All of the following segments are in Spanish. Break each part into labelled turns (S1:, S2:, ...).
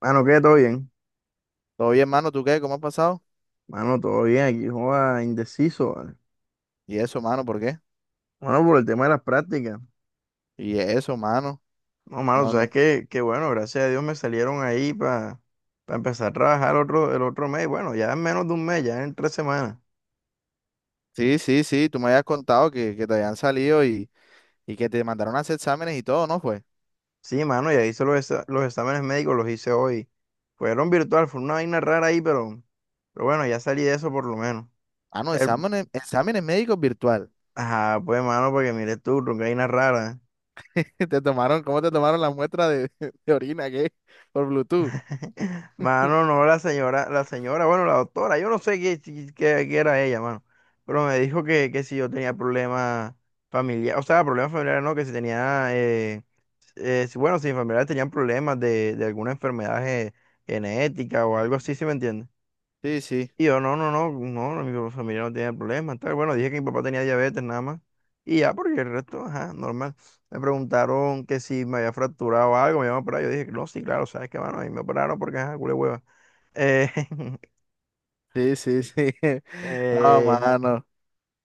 S1: Mano, ¿qué? ¿Todo bien?
S2: Todo bien, mano, ¿tú qué? ¿Cómo has pasado?
S1: Mano, todo bien. Aquí, joda, indeciso, ¿vale?
S2: Y eso, mano, ¿por qué?
S1: Bueno, por el tema de las prácticas.
S2: Y eso, mano.
S1: No, mano,
S2: No,
S1: sabes
S2: n-
S1: que bueno, gracias a Dios me salieron ahí para empezar a trabajar el otro mes. Bueno, ya en menos de un mes, ya en 3 semanas.
S2: Sí, sí, sí, tú me habías contado que te habían salido y que te mandaron a hacer exámenes y todo, ¿no fue?
S1: Sí, mano, ya hice los exámenes médicos, los hice hoy. Fueron virtual, fue una vaina rara ahí, pero bueno, ya salí de eso por lo menos.
S2: Ah, no,
S1: El-
S2: exámenes, exámenes médicos virtual.
S1: ajá, pues, mano, porque mire tú, una vaina rara.
S2: Te tomaron, ¿cómo te tomaron la muestra de, de orina, qué? Por Bluetooth.
S1: Mano, no, la señora, bueno, la doctora, yo no sé qué, si, qué era ella, mano, pero me dijo que si yo tenía problemas familiares, o sea, problemas familiares no, que si tenía, bueno, si mis familiares tenían problemas de alguna enfermedad genética o algo así, ¿sí me entiendes?
S2: Sí, sí,
S1: Y yo, no, no, no, no, no, mi familia no tiene problemas, tal. Bueno, dije que mi papá tenía diabetes nada más. Y ya, porque el resto, ajá, normal. Me preguntaron que si me había fracturado algo, me iban a operar. Yo dije, no, sí, claro, sabes qué mano, y me operaron porque, ajá, culé hueva. Eh,
S2: sí, sí, sí. No,
S1: eh,
S2: mano.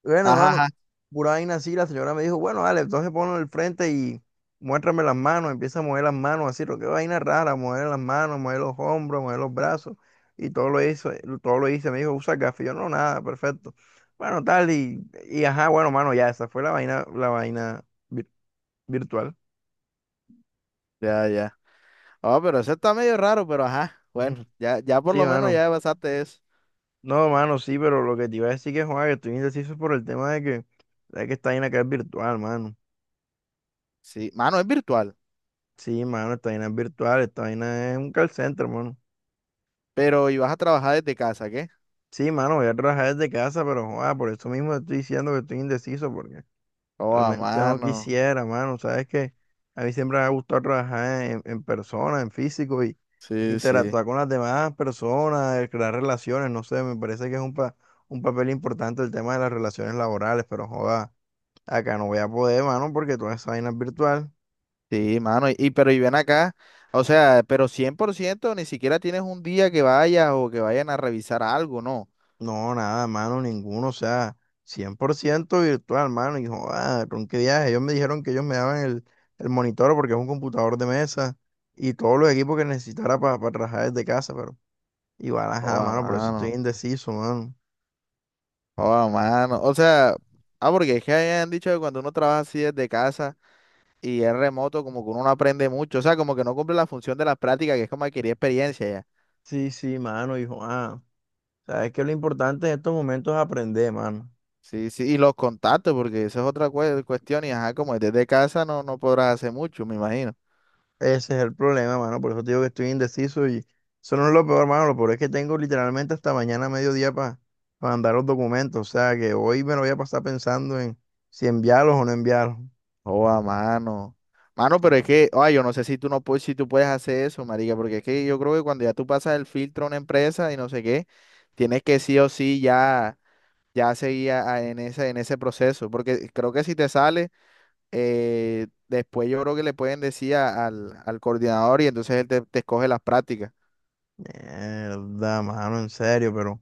S1: Bueno,
S2: Ajá,
S1: hermano,
S2: ajá.
S1: pura vaina así, la señora me dijo, bueno, dale, entonces ponlo en el frente y muéstrame las manos, empieza a mover las manos, así, lo que vaina rara, mover las manos, mover los hombros, mover los brazos, y todo lo hizo, todo lo hice, me dijo, usa gafas, y yo, no, nada, perfecto. Bueno, tal, y ajá, bueno, mano, ya, esa fue la vaina, virtual.
S2: Ya, ya. Oh, pero eso está medio raro, pero ajá. Bueno,
S1: Ujú.
S2: ya, ya por
S1: Sí,
S2: lo menos
S1: mano.
S2: ya pasaste eso.
S1: No, mano, sí, pero lo que te iba a decir que, Juan, que estoy indeciso por el tema de que esta vaina acá es virtual, mano.
S2: Sí, mano, es virtual,
S1: Sí, mano, esta vaina es virtual, esta vaina es un call center, mano.
S2: pero ibas a trabajar desde casa, ¿qué?
S1: Sí, mano, voy a trabajar desde casa, pero joda, por eso mismo te estoy diciendo que estoy indeciso, porque
S2: Oh, a
S1: realmente no
S2: mano.
S1: quisiera, mano. Sabes que a mí siempre me ha gustado trabajar en persona, en físico y
S2: Sí, sí.
S1: interactuar con las demás personas, crear relaciones. No sé, me parece que es un papel importante el tema de las relaciones laborales, pero joda, acá no voy a poder, mano, porque toda esa vaina es virtual.
S2: Sí, mano. Pero y ven acá. O sea, pero 100% ni siquiera tienes un día que vayas o que vayan a revisar algo, ¿no?
S1: No, nada, mano, ninguno, o sea, 100% virtual, mano, y joder, con qué viaje. Ellos me dijeron que ellos me daban el monitor porque es un computador de mesa y todos los equipos que necesitara para trabajar desde casa, pero igual,
S2: Oh,
S1: ajá,
S2: a
S1: mano, por eso estoy
S2: mano.
S1: indeciso, mano.
S2: Oh, a mano. O sea, ah, porque es que hayan dicho que cuando uno trabaja así desde casa y es remoto, como que uno no aprende mucho. O sea, como que no cumple la función de las prácticas, que es como adquirir experiencia ya.
S1: Sí, sí, mano, y joder, o sea, es que lo importante en estos momentos es aprender, mano.
S2: Sí, sí. Y los contactos, porque esa es otra cuestión. Y ajá, como es desde casa no podrás hacer mucho, me imagino.
S1: Ese es el problema, mano. Por eso te digo que estoy indeciso y eso no es lo peor, mano. Lo peor es que tengo literalmente hasta mañana a mediodía para mandar los documentos. O sea, que hoy me lo voy a pasar pensando en si enviarlos o no enviarlos.
S2: Oh, a mano. Mano,
S1: Sí,
S2: pero es
S1: man.
S2: que, ay, yo no sé si tú puedes hacer eso, marica, porque es que yo creo que cuando ya tú pasas el filtro a una empresa y no sé qué, tienes que sí o sí ya, ya seguir en ese proceso, porque creo que si te sale, después yo creo que le pueden decir al coordinador y entonces él te escoge las prácticas.
S1: Mierda, mano, en serio, pero,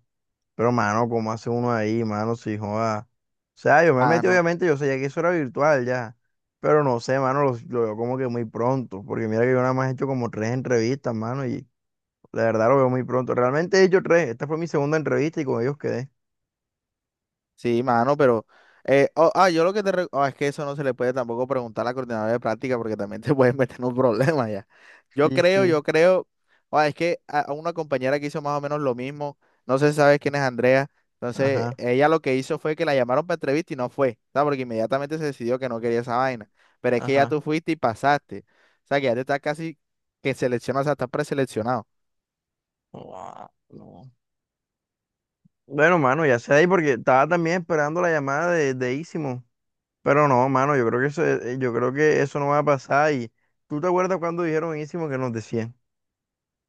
S1: pero, mano, ¿cómo hace uno ahí, mano? Si joda. O sea, yo me
S2: Ah,
S1: metí,
S2: no.
S1: obviamente, yo sabía que eso era virtual ya. Pero no sé, mano, lo veo como que muy pronto. Porque mira que yo nada más he hecho como tres entrevistas, mano, y la verdad lo veo muy pronto. Realmente ellos tres, esta fue mi segunda entrevista y con ellos quedé.
S2: Sí, mano, pero oh, yo lo que te... es que eso no se le puede tampoco preguntar a la coordinadora de práctica porque también te pueden meter en un problema ya.
S1: Sí, sí.
S2: Yo creo... ah, es que a una compañera que hizo más o menos lo mismo, no sé si sabes quién es Andrea, entonces
S1: Ajá,
S2: ella lo que hizo fue que la llamaron para entrevista y no fue, ¿sabes? Porque inmediatamente se decidió que no quería esa vaina. Pero es que ya
S1: ajá.
S2: tú fuiste y pasaste. O sea, que ya te estás casi que seleccionado, o sea, estás preseleccionado.
S1: Guau, no. Bueno, mano, ya sé ahí porque estaba también esperando la llamada de Ísimo. Pero no, mano, yo creo que eso no va a pasar. Y tú te acuerdas cuando dijeron Ísimo que nos decían.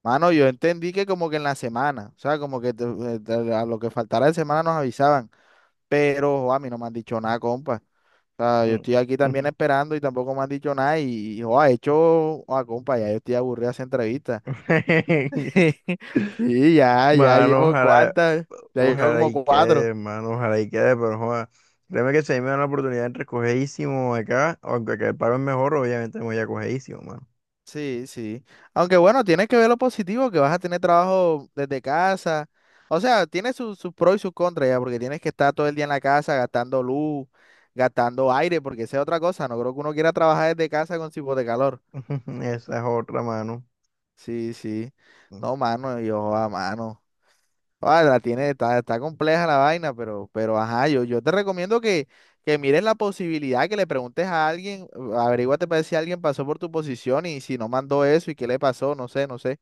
S2: Mano, yo entendí que como que en la semana, o sea, como que a lo que faltara de semana nos avisaban. Pero jo, a mí no me han dicho nada, compa. O sea, yo
S1: Mm.
S2: estoy aquí también esperando y tampoco me han dicho nada. Y, jo, ha hecho, a compa, ya yo estoy aburrido de hacer entrevistas. Sí, ya, ya
S1: Mano,
S2: llevo
S1: ojalá,
S2: cuántas, ya llevo
S1: ojalá
S2: como
S1: y
S2: cuatro.
S1: quede, mano, ojalá y quede, pero joda. Créeme que si a mí me dan la oportunidad entre cogeísimo acá, aunque acá el pago es mejor, obviamente me voy a cogeísimo, mano.
S2: Sí, sí. Aunque bueno, tienes que ver lo positivo, que vas a tener trabajo desde casa. O sea, tiene sus pros y sus contras ya, porque tienes que estar todo el día en la casa gastando luz, gastando aire, porque esa es otra cosa. No creo que uno quiera trabajar desde casa con tipo de calor.
S1: Esa es otra mano.
S2: Sí, sí. No, mano, yo a mano. Ah, la tiene, está, está compleja la vaina, pero ajá, yo te recomiendo que mires la posibilidad, que le preguntes a alguien, averíguate para ver si alguien pasó por tu posición y si no mandó eso y qué le pasó, no sé, no sé.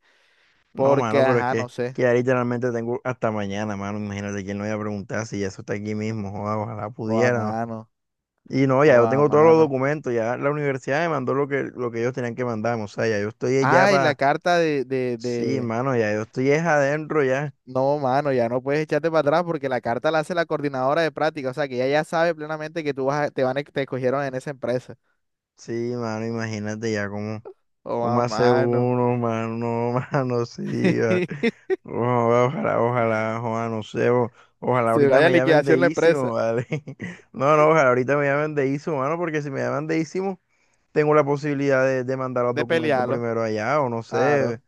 S1: No,
S2: Porque,
S1: mano, pero es
S2: ajá,
S1: que,
S2: no sé.
S1: que ya literalmente tengo hasta mañana, mano. Imagínate quién lo iba a preguntar si eso está aquí mismo. Joda, ojalá
S2: O a
S1: pudiera. ¿No?
S2: mano,
S1: Y no, ya
S2: o
S1: yo
S2: a
S1: tengo todos los
S2: mano.
S1: documentos. Ya la universidad me mandó lo que ellos tenían que mandarme. O sea, ya yo estoy ya
S2: Ay, la
S1: para.
S2: carta
S1: Sí,
S2: de.
S1: mano, ya yo estoy es adentro ya.
S2: No, mano, ya no puedes echarte para atrás porque la carta la hace la coordinadora de práctica. O sea que ella ya sabe plenamente que tú vas a- te van a, te escogieron en esa empresa.
S1: Sí, mano, imagínate ya cómo.
S2: O
S1: ¿Cómo
S2: a
S1: hace
S2: mano.
S1: uno, mano? Mano, sí. Va. Ojalá, ojalá, ojalá, ojalá, no sé. Ojalá
S2: Se
S1: ahorita
S2: vaya a
S1: me llamen de
S2: liquidación la
S1: Isimo,
S2: empresa.
S1: ¿vale? No, no, ojalá ahorita me llamen de Isimo, mano, porque si me llaman de Isimo, tengo la posibilidad de mandar los
S2: De
S1: documentos
S2: pelearlo.
S1: primero allá, o no sé,
S2: Claro.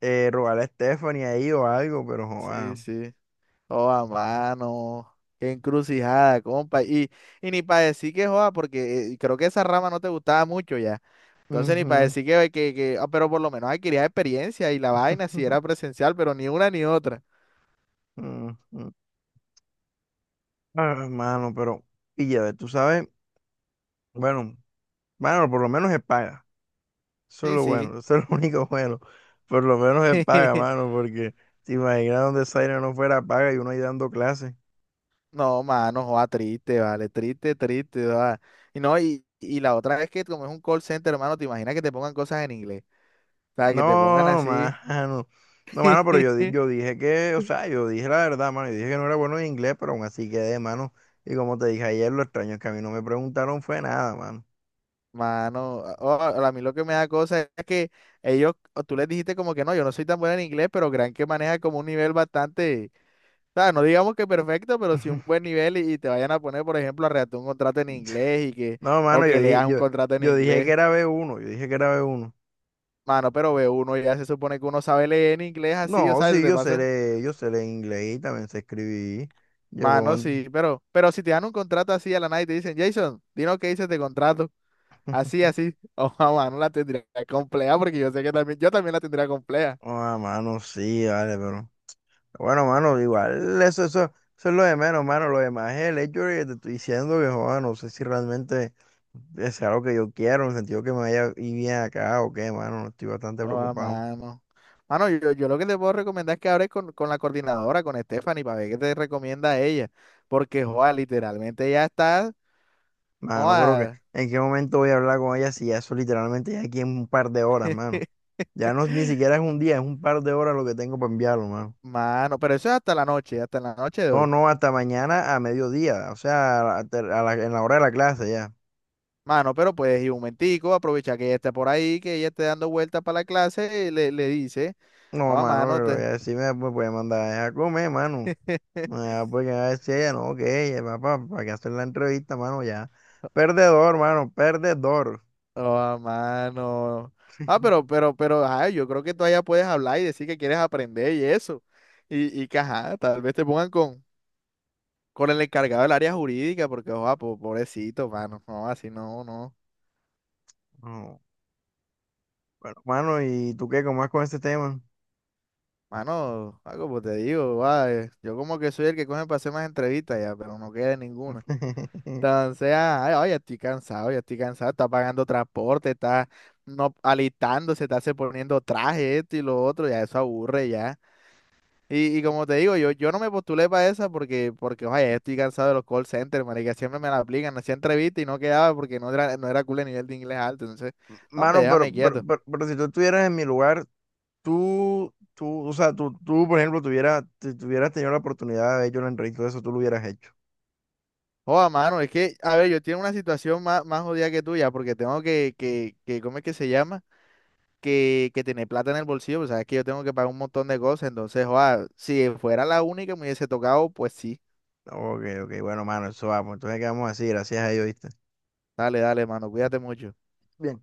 S1: rogarle a Stephanie ahí o algo, pero
S2: Sí,
S1: joda
S2: sí. Oh, a mano. Qué encrucijada, compa. Y ni para decir que joda, porque creo que esa rama no te gustaba mucho ya. Entonces ni para
S1: joder.
S2: decir que, pero por lo menos adquiría experiencia y la vaina si era presencial, pero ni una ni otra.
S1: Ah, mano, pero, pilla, tú sabes, bueno, mano, por lo menos es paga. Eso es
S2: Sí,
S1: lo
S2: sí.
S1: bueno, eso es lo único bueno. Por lo menos es paga, mano, porque te imaginas donde Zaire no fuera paga y uno ahí dando clases.
S2: No, mano, joda, triste, vale, triste, triste, joda. Y no, y la otra es que como es un call center, hermano, te imaginas que te pongan cosas en inglés. O sea, que te pongan
S1: No,
S2: así.
S1: mano. No, mano, pero yo, di- yo dije que, o sea, yo dije la verdad, mano. Yo dije que no era bueno en inglés, pero aún así quedé, mano. Y como te dije ayer, lo extraño es que a mí no me preguntaron fue nada, mano.
S2: Mano, a oh, a mí lo que me da cosa es que ellos, o tú les dijiste como que no, yo no soy tan buena en inglés, pero crean que maneja como un nivel bastante, o sea, no digamos que perfecto, pero sí un buen nivel y te vayan a poner, por ejemplo, a redactar un contrato en inglés y que
S1: No,
S2: o
S1: mano, yo
S2: que
S1: dije,
S2: leas un
S1: yo,
S2: contrato en
S1: yo dije que
S2: inglés.
S1: era B1, yo dije que era b uno.
S2: Mano, pero ve uno, ya se supone que uno sabe leer en inglés así, o
S1: No,
S2: sea,
S1: sí,
S2: te pasan.
S1: yo sé leer inglés y también sé escribir. Yo puedo...
S2: Mano, sí, pero si te dan un contrato así a la nada y te dicen, Jason, dinos qué dices de contrato, así, así, o mano, la tendría compleja porque yo sé que también, yo también la tendría compleja.
S1: Ah, mano, sí, vale, pero. Bueno, mano, igual, eso es lo de menos, mano. Lo demás es el hecho de que te estoy diciendo que, joder, no sé si realmente es algo que yo quiero, en el sentido que me vaya y bien acá o qué, mano. Estoy bastante
S2: Oh,
S1: preocupado.
S2: mano. Mano, yo lo que te puedo recomendar es que hables con la coordinadora, con Stephanie, para ver qué te recomienda ella. Porque, joa, literalmente ya está.
S1: Mano, pero que,
S2: Joa,
S1: ¿en qué momento voy a hablar con ella si ya eso literalmente ya aquí en un par de horas, mano? Ya no, ni siquiera es un día, es un par de horas lo que tengo para enviarlo, mano.
S2: mano, pero eso es hasta la noche de
S1: No,
S2: hoy.
S1: no, hasta mañana a mediodía, o sea, en la hora de la clase ya.
S2: Mano, pero puedes ir un momentico, aprovechar que ella está por ahí, que ella esté dando vueltas para la clase y le dice,
S1: No,
S2: oh,
S1: mano,
S2: mano,
S1: pero
S2: te...
S1: ella sí me puede mandar a ella a comer, mano. Ah, porque a decir ella, no, que ella, papá, para que hacer la entrevista, mano, ya. Perdedor, mano, perdedor.
S2: Oh, mano. Ah, pero, pero, pero, ay, yo creo que todavía puedes hablar y decir que quieres aprender y eso. Y que, ajá, tal vez te pongan con el encargado del área jurídica, porque, ojo pobrecito, mano, no, así no, no.
S1: No, bueno, mano, ¿y tú qué? ¿Cómo vas con ese tema?
S2: Mano, ah, como te digo, joa, yo como que soy el que coge para hacer más entrevistas ya, pero no queda ninguna. Entonces, ah ay, ya estoy cansado, está pagando transporte, está no, alistándose, está se poniendo traje, esto y lo otro, ya eso aburre ya. Y como te digo, yo no me postulé para esa porque, oye, ya estoy cansado de los call centers, marica, siempre me la aplican, hacía entrevista y no quedaba porque no era cool el nivel de inglés alto, entonces, no, hombre,
S1: Mano, pero,
S2: déjame
S1: pero,
S2: quieto.
S1: pero, pero si tú estuvieras en mi lugar, tú, o sea, tú, por ejemplo, tuvieras, si tuvieras tenido la oportunidad de haber hecho una entrevista de eso, tú lo hubieras hecho.
S2: Joda, mano, es que, a ver, yo tengo una situación más, más jodida que tuya, porque tengo que, ¿cómo es que se llama? Que tener plata en el bolsillo, pues sabes que yo tengo que pagar un montón de cosas, entonces, joda, si fuera la única que me hubiese tocado, pues sí.
S1: Ok, ok, bueno, mano, eso vamos. Entonces, ¿qué vamos a decir? Gracias a Dios, ¿viste?
S2: Dale, dale, mano, cuídate mucho.
S1: Bien.